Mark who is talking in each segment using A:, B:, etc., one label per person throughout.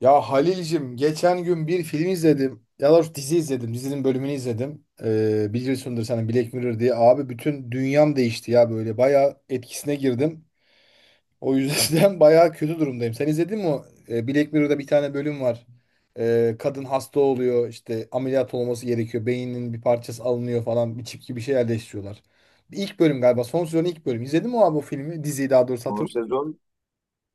A: Ya Halil'cim geçen gün bir film izledim. Ya da dizi izledim. Dizinin bölümünü izledim. Biliyorsundur sen Black Mirror diye. Abi bütün dünyam değişti ya böyle. Bayağı etkisine girdim. O yüzden bayağı kötü durumdayım. Sen izledin mi o? Black Mirror'da bir tane bölüm var. Kadın hasta oluyor. İşte ameliyat olması gerekiyor. Beyninin bir parçası alınıyor falan. Bir çip gibi bir şey yerleştiriyorlar. İlk bölüm galiba. Son sezonun ilk bölümü. İzledin mi abi o filmi? Diziyi daha doğrusu
B: Bu
A: hatırlıyor.
B: sezon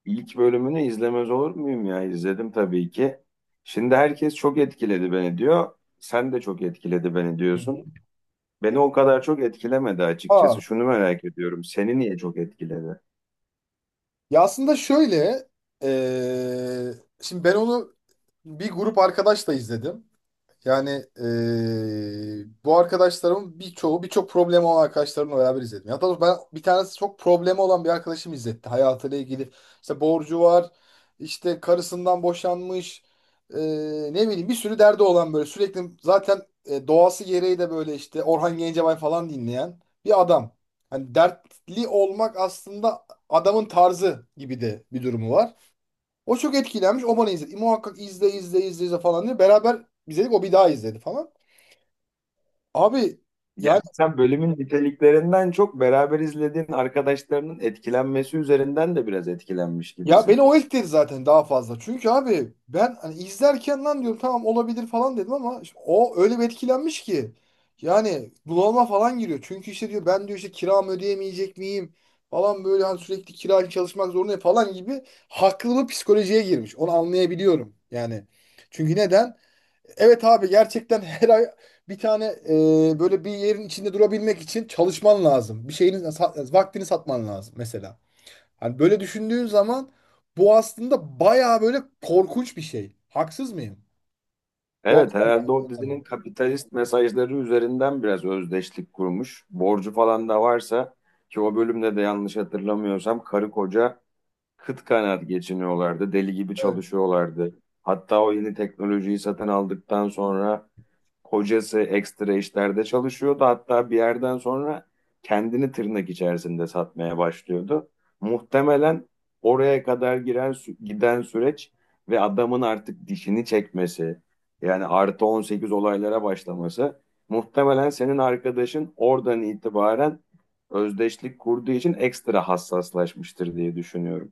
B: ilk bölümünü izlemez olur muyum ya? İzledim tabii ki. Şimdi herkes çok etkiledi beni diyor. Sen de çok etkiledi beni diyorsun. Beni o kadar çok etkilemedi
A: Aa.
B: açıkçası. Şunu merak ediyorum. Seni niye çok etkiledi?
A: Ya aslında şöyle, eee, şimdi ben onu bir grup arkadaşla izledim. Yani bu arkadaşlarımın birçoğu birçok problemi olan arkadaşlarımla beraber izledim. Ya doğrusu ben bir tanesi çok problemi olan bir arkadaşım izletti. Hayatıyla ilgili işte borcu var, işte karısından boşanmış, ne bileyim bir sürü derdi olan böyle sürekli zaten doğası gereği de böyle işte Orhan Gencebay falan dinleyen bir adam. Hani dertli olmak aslında adamın tarzı gibi de bir durumu var. O çok etkilenmiş. O bana izledi. E, muhakkak izle izle izle, izle falan diye. Beraber izledik. O bir daha izledi falan. Abi yani
B: Yani sen bölümün niteliklerinden çok beraber izlediğin arkadaşlarının etkilenmesi üzerinden de biraz etkilenmiş
A: ya beni
B: gibisin.
A: o etkiledi zaten daha fazla. Çünkü abi ben hani izlerken lan diyorum tamam olabilir falan dedim ama işte o öyle bir etkilenmiş ki. Yani bunalıma falan giriyor. Çünkü işte diyor ben diyor işte kiramı ödeyemeyecek miyim falan böyle hani sürekli kira için çalışmak zorundayım falan gibi haklı bir psikolojiye girmiş. Onu anlayabiliyorum. Yani çünkü neden? Evet abi gerçekten her ay bir tane böyle bir yerin içinde durabilmek için çalışman lazım. Bir vaktini satman lazım mesela. Hani böyle düşündüğün zaman bu aslında bayağı böyle korkunç bir şey. Haksız mıyım? Bu
B: Evet,
A: açıdan
B: herhalde
A: baktığım
B: o dizinin kapitalist mesajları üzerinden biraz özdeşlik kurmuş. Borcu falan da varsa ki o bölümde de yanlış hatırlamıyorsam karı koca kıt kanaat geçiniyorlardı. Deli gibi
A: Evet.
B: çalışıyorlardı. Hatta o yeni teknolojiyi satın aldıktan sonra kocası ekstra işlerde çalışıyordu. Hatta bir yerden sonra kendini tırnak içerisinde satmaya başlıyordu. Muhtemelen oraya kadar giden süreç ve adamın artık dişini çekmesi, yani artı 18 olaylara başlaması, muhtemelen senin arkadaşın oradan itibaren özdeşlik kurduğu için ekstra hassaslaşmıştır diye düşünüyorum.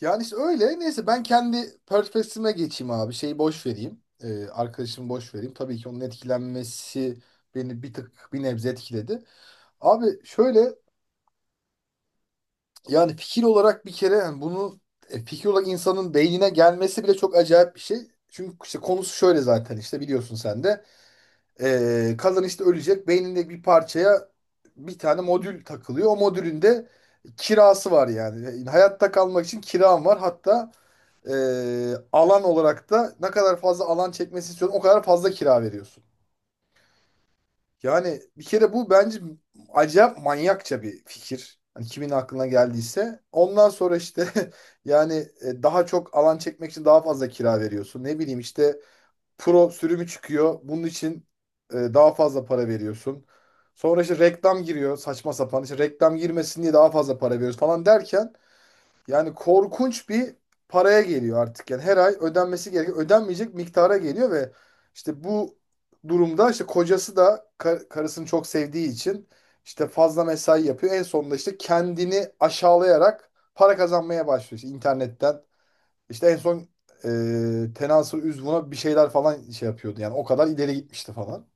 A: Yani işte öyle. Neyse ben kendi perspektifime geçeyim abi. Şeyi boş vereyim. E, arkadaşımı boş vereyim. Tabii ki onun etkilenmesi beni bir tık bir nebze etkiledi. Abi şöyle, yani fikir olarak bir kere yani bunu fikir olarak insanın beynine gelmesi bile çok acayip bir şey. Çünkü işte konusu şöyle zaten işte biliyorsun sen de. Kadın işte ölecek. Beyninde bir parçaya bir tane modül takılıyor. O modülün de kirası var yani. Yani hayatta kalmak için kiram var. Hatta e, alan olarak da ne kadar fazla alan çekmesi istiyorsan o kadar fazla kira veriyorsun. Yani bir kere bu bence acayip manyakça bir fikir. Hani kimin aklına geldiyse. Ondan sonra işte yani daha çok alan çekmek için daha fazla kira veriyorsun. Ne bileyim işte pro sürümü çıkıyor. Bunun için daha fazla para veriyorsun. Sonra işte reklam giriyor saçma sapan. İşte reklam girmesin diye daha fazla para veriyoruz falan derken yani korkunç bir paraya geliyor artık. Yani her ay ödenmesi gereken, ödenmeyecek miktara geliyor ve işte bu durumda işte kocası da karısını çok sevdiği için işte fazla mesai yapıyor. En sonunda işte kendini aşağılayarak para kazanmaya başlıyor işte internetten. İşte en son Tenasül Üzvun'a bir şeyler falan şey yapıyordu. Yani o kadar ileri gitmişti falan.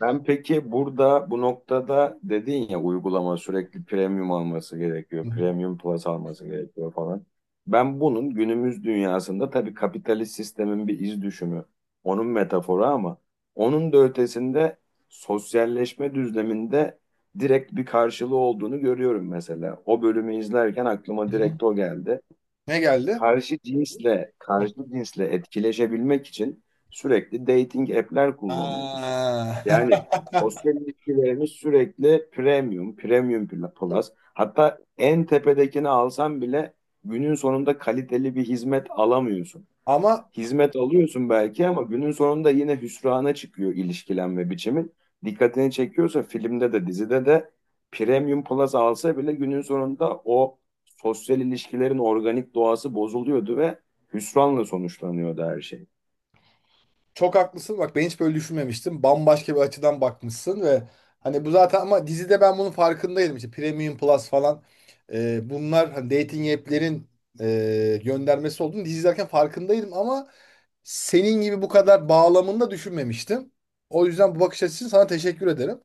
B: Ben peki burada bu noktada dedin ya, uygulama sürekli premium alması
A: Hı
B: gerekiyor,
A: hı.
B: premium plus alması gerekiyor falan. Ben bunun günümüz dünyasında tabii kapitalist sistemin bir iz düşümü, onun metaforu ama onun da ötesinde sosyalleşme düzleminde direkt bir karşılığı olduğunu görüyorum mesela. O bölümü izlerken aklıma
A: Hı hı.
B: direkt o geldi.
A: Ne geldi?
B: Karşı cinsle etkileşebilmek için sürekli dating app'ler kullanıyoruz.
A: Aa.
B: Yani sosyal ilişkilerimiz sürekli premium, premium plus. Hatta en tepedekini alsan bile günün sonunda kaliteli bir hizmet alamıyorsun.
A: Ama
B: Hizmet alıyorsun belki ama günün sonunda yine hüsrana çıkıyor ilişkilenme biçimin. Dikkatini çekiyorsa, filmde de dizide de Premium Plus alsa bile günün sonunda o sosyal ilişkilerin organik doğası bozuluyordu ve hüsranla sonuçlanıyordu her şey.
A: çok haklısın. Bak ben hiç böyle düşünmemiştim. Bambaşka bir açıdan bakmışsın ve hani bu zaten ama dizide ben bunun farkındaydım. İşte Premium Plus falan, bunlar hani dating app'lerin göndermesi olduğunu dizi izlerken farkındaydım ama senin gibi bu kadar bağlamında düşünmemiştim. O yüzden bu bakış açısı için sana teşekkür ederim.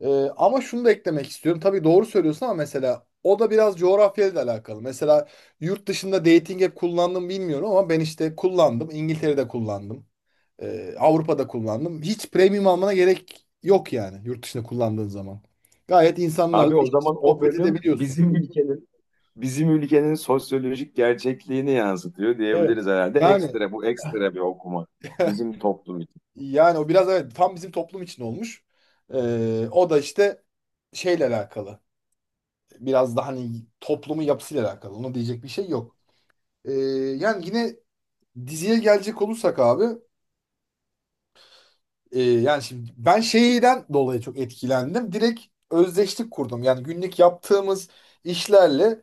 A: E, ama şunu da eklemek istiyorum. Tabii doğru söylüyorsun ama mesela o da biraz coğrafyayla da alakalı. Mesela yurt dışında dating app kullandım bilmiyorum ama ben işte kullandım. İngiltere'de kullandım. Avrupa'da kullandım. Hiç premium almana gerek yok yani yurt dışında kullandığın zaman. Gayet insanlarla
B: Abi o
A: iç içe
B: zaman o
A: sohbet
B: bölüm
A: edebiliyorsun.
B: bizim ülkenin sosyolojik gerçekliğini yansıtıyor diyebiliriz
A: Evet.
B: herhalde.
A: Yani
B: Ekstra, ekstra bir okuma bizim toplum için.
A: yani o biraz evet tam bizim toplum için olmuş. O da işte şeyle alakalı. Biraz da hani toplumun yapısıyla alakalı. Ona diyecek bir şey yok. Ee, Yani yine diziye gelecek olursak abi, yani şimdi ben şeyden dolayı çok etkilendim. Direkt özdeşlik kurdum. Yani günlük yaptığımız işlerle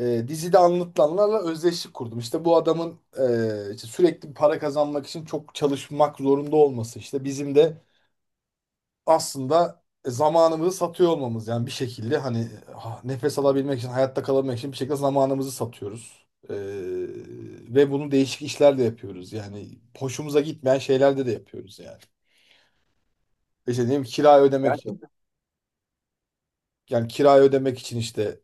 A: dizide anlatılanlarla özdeşlik kurdum. İşte bu adamın işte sürekli para kazanmak için çok çalışmak zorunda olması. İşte bizim de aslında zamanımızı satıyor olmamız. Yani bir şekilde hani ah, nefes alabilmek için, hayatta kalabilmek için bir şekilde zamanımızı satıyoruz. Ee, Ve bunu değişik işlerle yapıyoruz. Yani hoşumuza gitmeyen şeylerde de yapıyoruz yani. İşte diyeyim kirayı ödemek için
B: Gerçekten.
A: yani kirayı ödemek için işte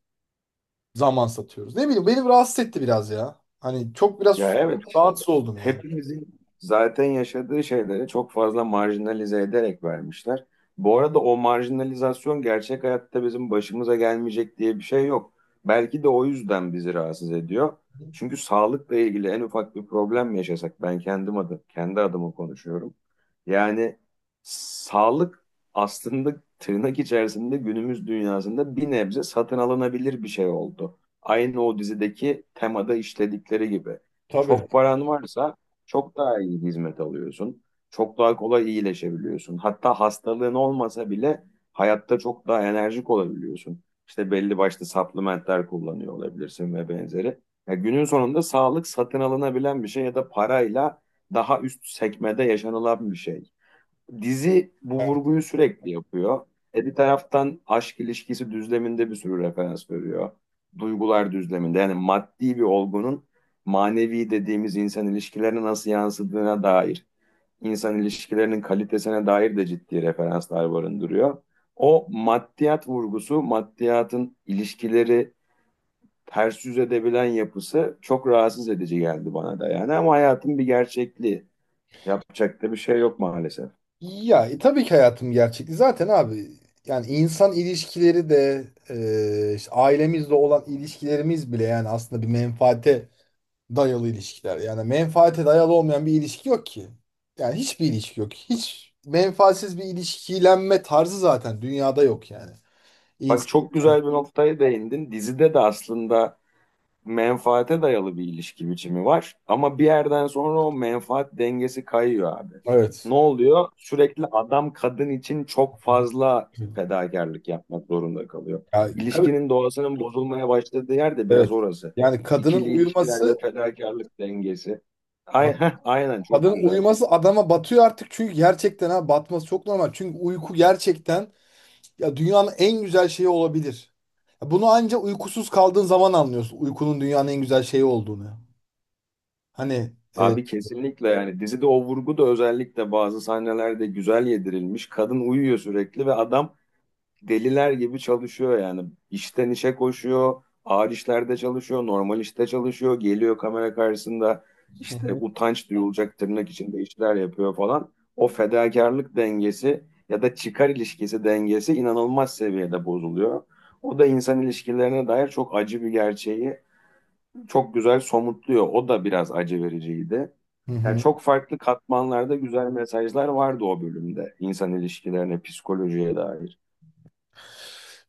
A: zaman satıyoruz. Ne bileyim beni rahatsız etti biraz ya. Hani çok
B: Ya
A: biraz
B: evet, işte
A: rahatsız oldum yani.
B: hepimizin zaten yaşadığı şeyleri çok fazla marjinalize ederek vermişler. Bu arada o marjinalizasyon gerçek hayatta bizim başımıza gelmeyecek diye bir şey yok. Belki de o yüzden bizi rahatsız ediyor. Çünkü sağlıkla ilgili en ufak bir problem yaşasak, ben kendi adıma konuşuyorum. Yani sağlık aslında tırnak içerisinde günümüz dünyasında bir nebze satın alınabilir bir şey oldu. Aynı o dizideki temada işledikleri gibi.
A: Tabii.
B: Çok paran varsa çok daha iyi hizmet alıyorsun. Çok daha kolay iyileşebiliyorsun. Hatta hastalığın olmasa bile hayatta çok daha enerjik olabiliyorsun. İşte belli başlı supplementler kullanıyor olabilirsin ve benzeri. Ya günün sonunda sağlık satın alınabilen bir şey ya da parayla daha üst sekmede yaşanılan bir şey. Dizi bu vurguyu sürekli yapıyor. E bir taraftan aşk ilişkisi düzleminde bir sürü referans veriyor. Duygular düzleminde, yani maddi bir olgunun manevi dediğimiz insan ilişkilerine nasıl yansıdığına dair, insan ilişkilerinin kalitesine dair de ciddi referanslar barındırıyor. O maddiyat vurgusu, maddiyatın ilişkileri ters yüz edebilen yapısı çok rahatsız edici geldi bana da yani, ama hayatın bir gerçekliği. Yapacak da bir şey yok maalesef.
A: Ya tabii ki hayatım gerçekliği zaten abi yani insan ilişkileri de işte ailemizle olan ilişkilerimiz bile yani aslında bir menfaate dayalı ilişkiler. Yani menfaate dayalı olmayan bir ilişki yok ki. Yani hiçbir ilişki yok. Hiç menfaatsiz bir ilişkilenme tarzı zaten dünyada yok yani.
B: Bak,
A: İnsan,
B: çok güzel bir noktaya değindin. Dizide de aslında menfaate dayalı bir ilişki biçimi var. Ama bir yerden sonra o menfaat dengesi kayıyor abi. Ne
A: evet.
B: oluyor? Sürekli adam kadın için çok fazla
A: Ya,
B: fedakarlık yapmak zorunda kalıyor.
A: tabii
B: İlişkinin doğasının bozulmaya başladığı yer de biraz
A: evet.
B: orası.
A: Yani
B: İkili ilişkiler ve fedakarlık dengesi. Aynen, aynen, çok
A: kadının
B: güzel.
A: uyuması adama batıyor artık çünkü gerçekten ha batması çok normal. Çünkü uyku gerçekten ya dünyanın en güzel şeyi olabilir. Ya bunu anca uykusuz kaldığın zaman anlıyorsun uykunun dünyanın en güzel şeyi olduğunu. Hani e,
B: Abi kesinlikle, yani dizide o vurgu da özellikle bazı sahnelerde güzel yedirilmiş. Kadın uyuyor sürekli ve adam deliler gibi çalışıyor yani. İşten işe koşuyor, ağır işlerde çalışıyor, normal işte çalışıyor, geliyor kamera karşısında
A: hı
B: işte
A: hı.
B: utanç duyulacak tırnak içinde işler yapıyor falan. O fedakarlık dengesi ya da çıkar ilişkisi dengesi inanılmaz seviyede bozuluyor. O da insan ilişkilerine dair çok acı bir gerçeği çok güzel somutluyor. O da biraz acı vericiydi.
A: Hı
B: Yani
A: hı.
B: çok farklı katmanlarda güzel mesajlar vardı o bölümde. İnsan ilişkilerine, psikolojiye dair.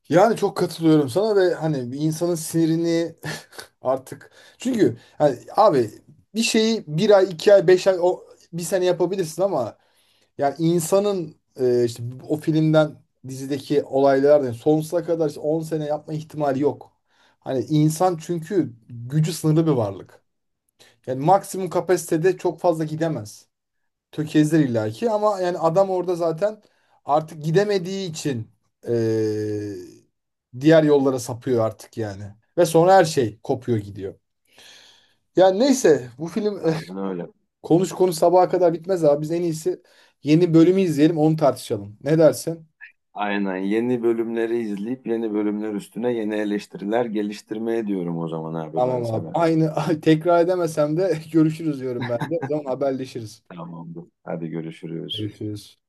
A: Yani çok katılıyorum sana ve hani bir insanın sinirini artık çünkü hani abi bir şeyi bir ay iki ay beş ay o bir sene yapabilirsin ama yani insanın işte o filmden dizideki olaylardan sonsuza kadar işte 10 sene yapma ihtimali yok. Hani insan çünkü gücü sınırlı bir varlık. Yani maksimum kapasitede çok fazla gidemez. Tökezler illaki ama yani adam orada zaten artık gidemediği için e, diğer yollara sapıyor artık yani. Ve sonra her şey kopuyor gidiyor. Yani neyse bu film
B: Aynen öyle.
A: konuş konuş sabaha kadar bitmez abi. Biz en iyisi yeni bölümü izleyelim onu tartışalım. Ne dersin?
B: Aynen, yeni bölümleri izleyip yeni bölümler üstüne yeni eleştiriler geliştirmeye diyorum o zaman abi ben
A: Tamam abi.
B: sana.
A: Aynı tekrar edemesem de görüşürüz diyorum ben de. O zaman haberleşiriz.
B: Tamamdır. Hadi görüşürüz.
A: Görüşürüz.